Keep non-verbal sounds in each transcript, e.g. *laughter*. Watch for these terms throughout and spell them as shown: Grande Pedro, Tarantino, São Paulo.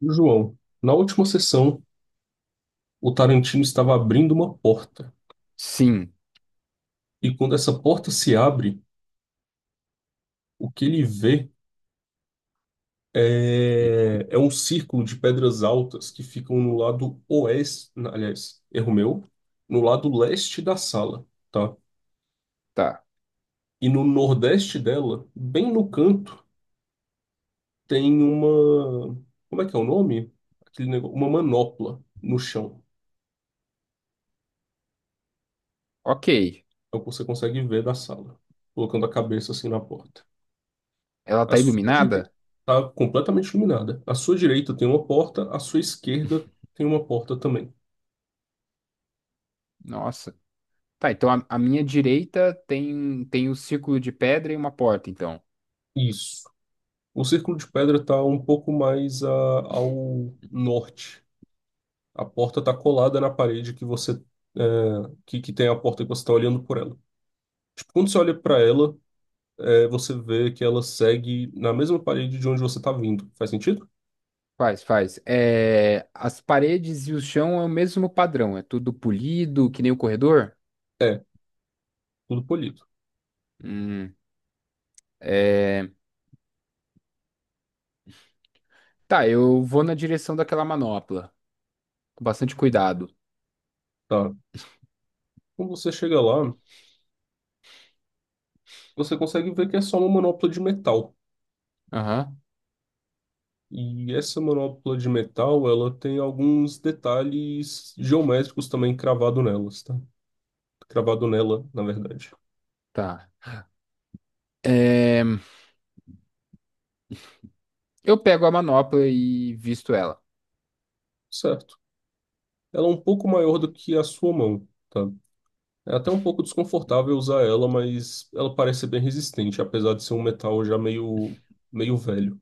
João, na última sessão, o Tarantino estava abrindo uma porta. Sim. E quando essa porta se abre, o que ele vê E é um círculo de pedras altas que ficam no lado oeste, aliás, erro meu, no lado leste da sala, tá? tá. E no nordeste dela, bem no canto, tem uma, como é que é o nome? Aquele negócio, uma manopla no chão. Ok. É o que você consegue ver da sala, colocando a cabeça assim na porta. Ela A tá sua direita iluminada? está completamente iluminada. À sua direita tem uma porta, à sua esquerda tem uma porta também. Nossa. Tá, então a minha direita tem um círculo de pedra e uma porta, então. Isso. O círculo de pedra está um pouco mais ao norte. A porta está colada na parede que você é, que tem a porta que você está olhando por ela. Tipo, quando você olha para ela, você vê que ela segue na mesma parede de onde você está vindo. Faz sentido? Faz, faz. É, as paredes e o chão é o mesmo padrão, é tudo polido, que nem o corredor? É, tudo polido. Hum, é, tá, eu vou na direção daquela manopla, com bastante cuidado. Tá. Quando você chega lá, você consegue ver que é só uma manopla de metal. Aham, E essa manopla de metal, ela tem alguns detalhes geométricos também cravado nelas, tá? Cravado nela, na verdade. tá. É, eu pego a manopla e visto ela. Certo. Ela é um pouco maior do que a sua mão, tá? É até um pouco desconfortável usar ela, mas ela parece ser bem resistente, apesar de ser um metal já meio velho.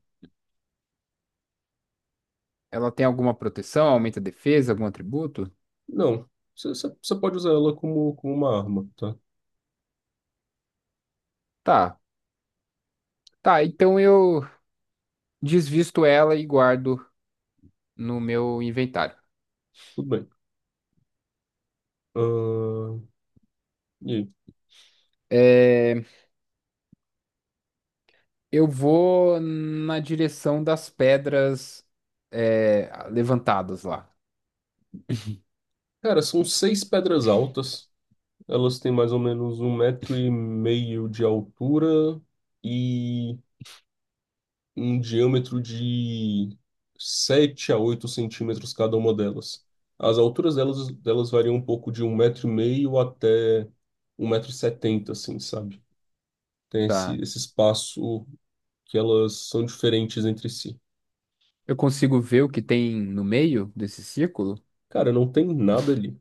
Ela tem alguma proteção, aumenta a defesa, algum atributo? Não, você pode usar ela como uma arma, tá? Tá, tá, então eu desvisto ela e guardo no meu inventário. Tudo bem. Ahn, e aí? É, eu vou na direção das pedras levantadas lá. Cara, são seis pedras altas. Elas têm mais ou menos um metro e meio de altura e um diâmetro de 7 a 8 centímetros cada uma delas. As alturas delas variam um pouco de um metro e meio até um metro e setenta, assim, sabe? Tem esse, Tá. esse espaço que elas são diferentes entre si. Eu consigo ver o que tem no meio desse círculo? Cara, não tem nada ali.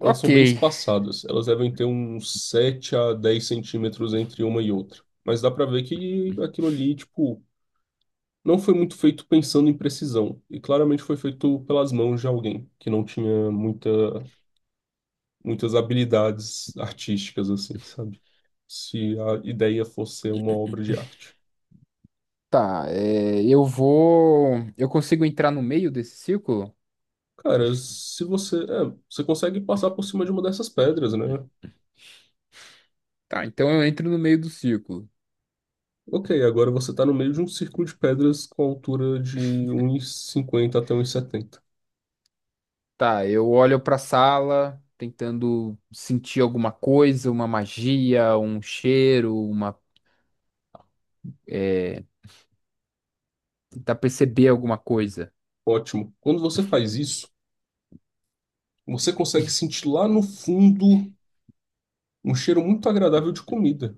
Elas são bem espaçadas. Elas devem ter uns 7 a 10 centímetros entre uma e outra. Mas dá pra ver que aquilo ali, tipo, não foi muito feito pensando em precisão, e claramente foi feito pelas mãos de alguém que não tinha muitas habilidades artísticas, assim, sabe? Se a ideia fosse ser uma obra de arte. tá. é, eu vou. Eu consigo entrar no meio desse círculo? Cara, se você. É, você consegue passar por cima de uma dessas pedras, né? Tá, então eu entro no meio do círculo. Ok, agora você tá no meio de um círculo de pedras com altura de um e cinquenta até um e setenta. Tá, eu olho pra sala tentando sentir alguma coisa, uma magia, um cheiro, uma é, tentar perceber alguma coisa Ótimo. Quando você faz isso, você consegue sentir lá no fundo um cheiro muito agradável de comida.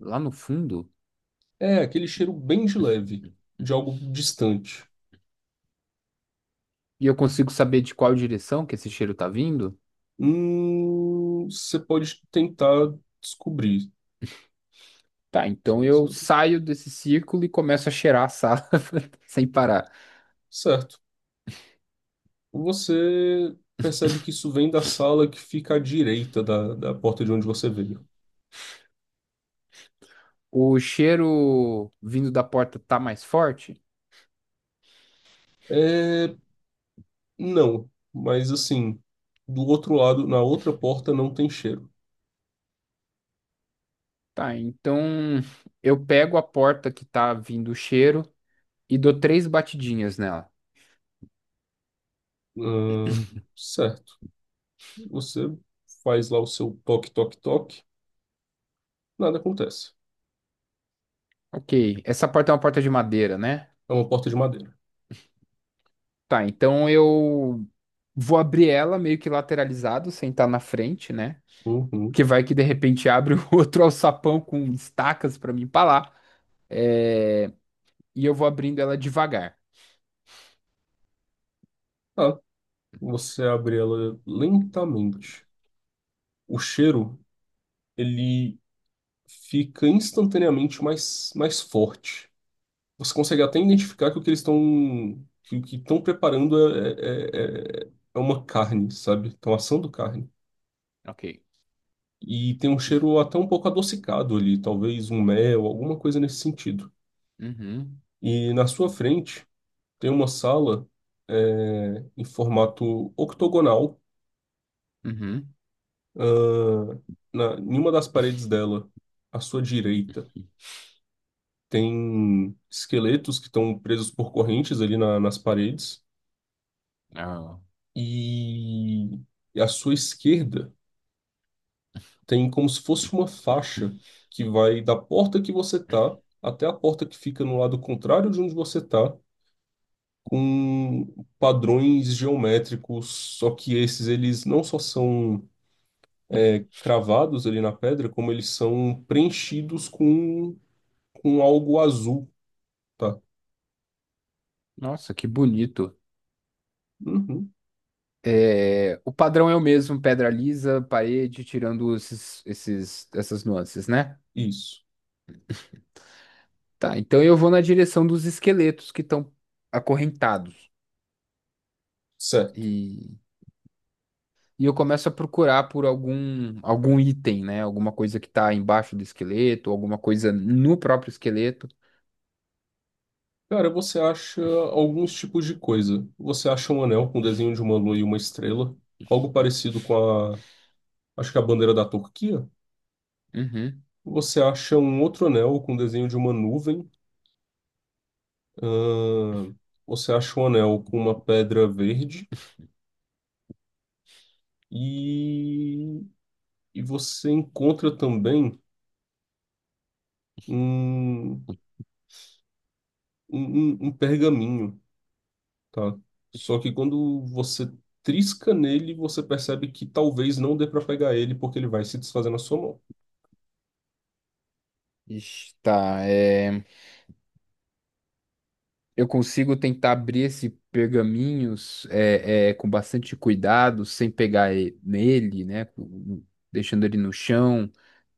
lá no fundo. É, aquele cheiro bem de leve, de algo distante. E eu consigo saber de qual direção que esse cheiro tá vindo? Você pode tentar descobrir. Tá, então eu saio desse círculo e começo a cheirar a sala *laughs* sem parar. Certo. Você percebe que isso vem da sala que fica à direita da porta de onde você veio. O cheiro vindo da porta tá mais forte? É, não, mas assim, do outro lado, na outra porta não tem cheiro. Tá, então eu pego a porta que tá vindo o cheiro e dou 3 batidinhas nela. Hum, certo. Você faz lá o seu toque, toque, toque, nada acontece. Ok, essa porta é uma porta de madeira, né? É uma porta de madeira. Tá, então eu vou abrir ela meio que lateralizado, sem estar na frente, né? Uhum. Porque vai que de repente abre *laughs* outro alçapão com estacas pra me empalar. É, e eu vou abrindo ela devagar. Ah, você abre ela lentamente. O cheiro, ele fica instantaneamente mais forte. Você consegue até Ok. identificar que o que eles estão que o que estão preparando é uma carne, sabe? Estão assando carne. Ok. E tem um cheiro até um pouco adocicado ali, talvez um mel, alguma coisa nesse sentido. Uhum. E na sua frente tem uma sala em formato octogonal. Uhum. Ah, em uma das paredes dela, à sua direita, tem esqueletos que estão presos por correntes ali nas paredes. Ah, E, e à sua esquerda tem como se fosse uma faixa que vai da porta que você tá até a porta que fica no lado contrário de onde você tá, com padrões geométricos. Só que esses eles não só são cravados ali na pedra, como eles são preenchidos com algo azul. Tá. nossa, que bonito. Uhum. É, o padrão é o mesmo, pedra lisa, parede, tirando essas nuances, né? Isso, Tá, então eu vou na direção dos esqueletos que estão acorrentados. certo. E, e eu começo a procurar por algum item, né? Alguma coisa que tá embaixo do esqueleto, alguma coisa no próprio esqueleto. Cara, você acha alguns tipos de coisa. Você acha um anel com desenho de uma lua e uma estrela, algo parecido com a, acho que a bandeira da Turquia. Uhum. Você acha um outro anel com desenho de uma nuvem. Ahn, Você acha um anel com uma pedra verde e, e você encontra também um, um, um pergaminho. Tá. Só que quando você trisca nele, você percebe que talvez não dê pra pegar ele porque ele vai se desfazer na sua mão. Ixi, tá, é, eu consigo tentar abrir esse pergaminhos com bastante cuidado, sem pegar nele, né? Deixando ele no chão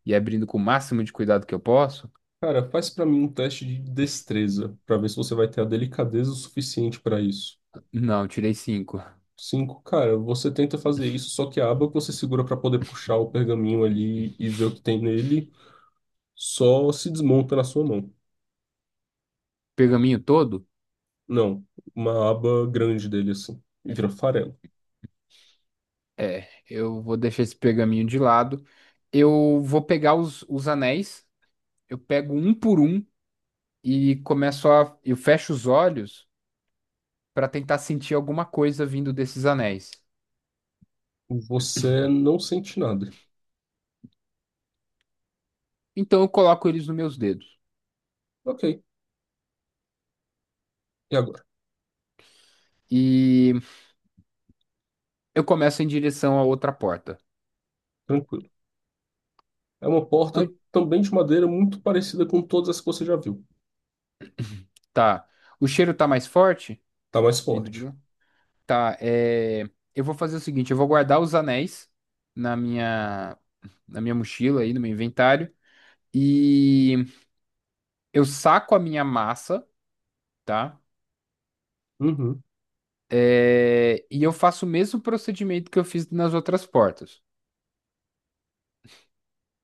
e abrindo com o máximo de cuidado que eu posso. Cara, faz pra mim um teste de destreza pra ver se você vai ter a delicadeza o suficiente pra isso. Não, tirei 5. Cinco, cara, você tenta fazer isso, só que a aba que você segura pra poder puxar o pergaminho ali e ver o que tem nele só se desmonta na sua mão. Pergaminho todo? Não, uma aba grande dele assim, e vira farelo. É, eu vou deixar esse pergaminho de lado. Eu vou pegar os anéis, eu pego um por um e começo a. Eu fecho os olhos para tentar sentir alguma coisa vindo desses anéis. Você não sente nada. Então eu coloco eles nos meus dedos. Ok, e agora? E eu começo em direção à outra porta. Tranquilo. É uma Ai, porta também de madeira muito parecida com todas as que você já viu. tá. O cheiro tá mais forte? Tá mais Vindo de forte. lá. Tá, é... eu vou fazer o seguinte, eu vou guardar os anéis na minha, na minha mochila aí, no meu inventário. E eu saco a minha massa, tá? Uhum. E eu faço o mesmo procedimento que eu fiz nas outras portas,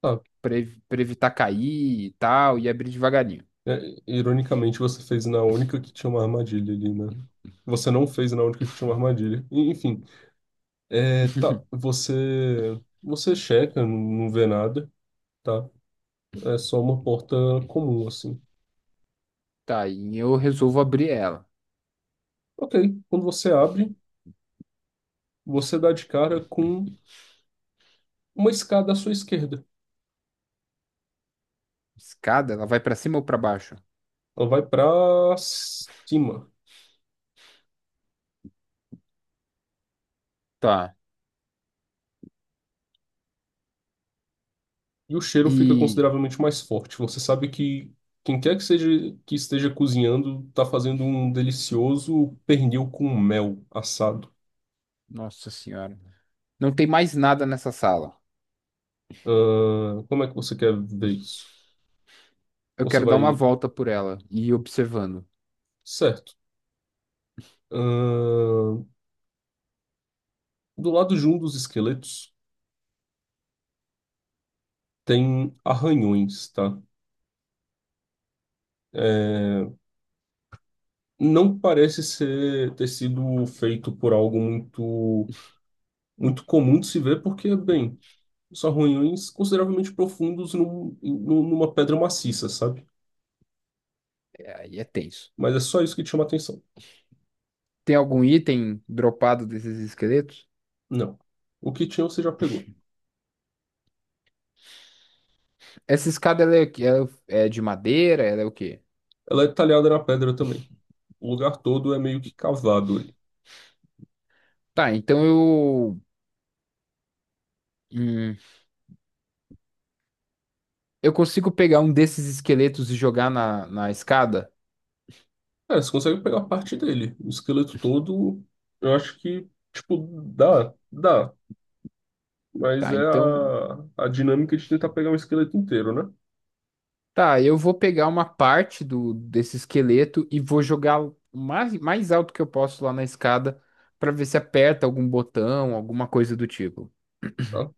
Tá. para evitar cair e tal, e abrir devagarinho. É, ironicamente, você fez na única que tinha uma armadilha ali, né? Você não fez na única que tinha uma armadilha. Enfim, tá. Você checa, não, não vê nada, tá? É só uma porta comum, assim. Tá, e eu resolvo abrir ela. Ok. Quando você abre, você dá de cara com uma escada à sua esquerda. Escada? Ela vai pra cima ou pra baixo? Ela vai pra cima. Tá. E o cheiro fica E. consideravelmente mais forte. Você sabe que quem quer que seja que esteja cozinhando está fazendo um delicioso pernil com mel assado. Nossa senhora. Não tem mais nada nessa sala. Como é que você quer ver isso? Eu Você quero dar uma vai. volta por ela e ir observando. Certo. Ahn, do lado de um dos esqueletos tem arranhões, tá? É, não parece ser ter sido feito por algo muito muito comum de se ver, porque, bem, são ruídos consideravelmente profundos numa pedra maciça, sabe? É, aí é tenso. Mas é só isso que te chama atenção. Tem algum item dropado desses esqueletos? Não. O que tinha você já pegou. Essa escada ela é de madeira? Ela é o quê? Ela é talhada na pedra também. O lugar todo é meio que cavado ali. Tá, então eu. Hum, eu consigo pegar um desses esqueletos e jogar na escada? Cara, você consegue pegar parte dele. O esqueleto todo, eu acho que, tipo, dá, dá. Mas Tá, é então. a dinâmica de tentar pegar um esqueleto inteiro, né? Tá, eu vou pegar uma parte do desse esqueleto e vou jogar o mais, mais alto que eu posso lá na escada pra ver se aperta algum botão, alguma coisa do tipo. Tá?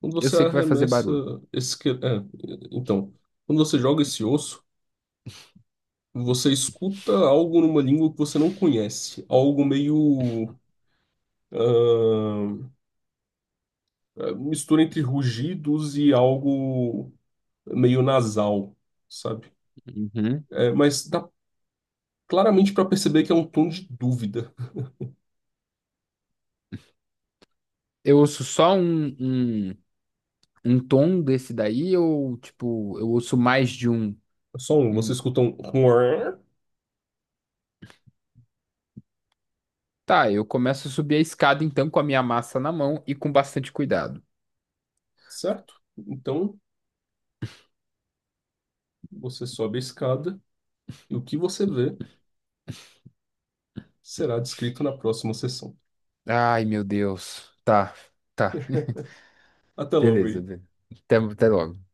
Quando Eu você sei que vai fazer arremessa barulho. esse esqueleto. É, então, quando você joga esse osso. Você escuta algo numa língua que você não conhece, algo meio ah, mistura entre rugidos e algo meio nasal, sabe? Uhum. É, mas dá claramente para perceber que é um tom de dúvida. Eu ouço só um, um tom desse daí ou, tipo, eu ouço mais de um, É só um, você um- escuta um *laughs* "uar", Tá, eu começo a subir a escada então com a minha massa na mão e com bastante cuidado. certo? Então você sobe a escada e o que você vê será descrito na próxima sessão. Ai, meu Deus. Tá, tá. Até *laughs* logo Beleza, aí. beleza. Até, até logo.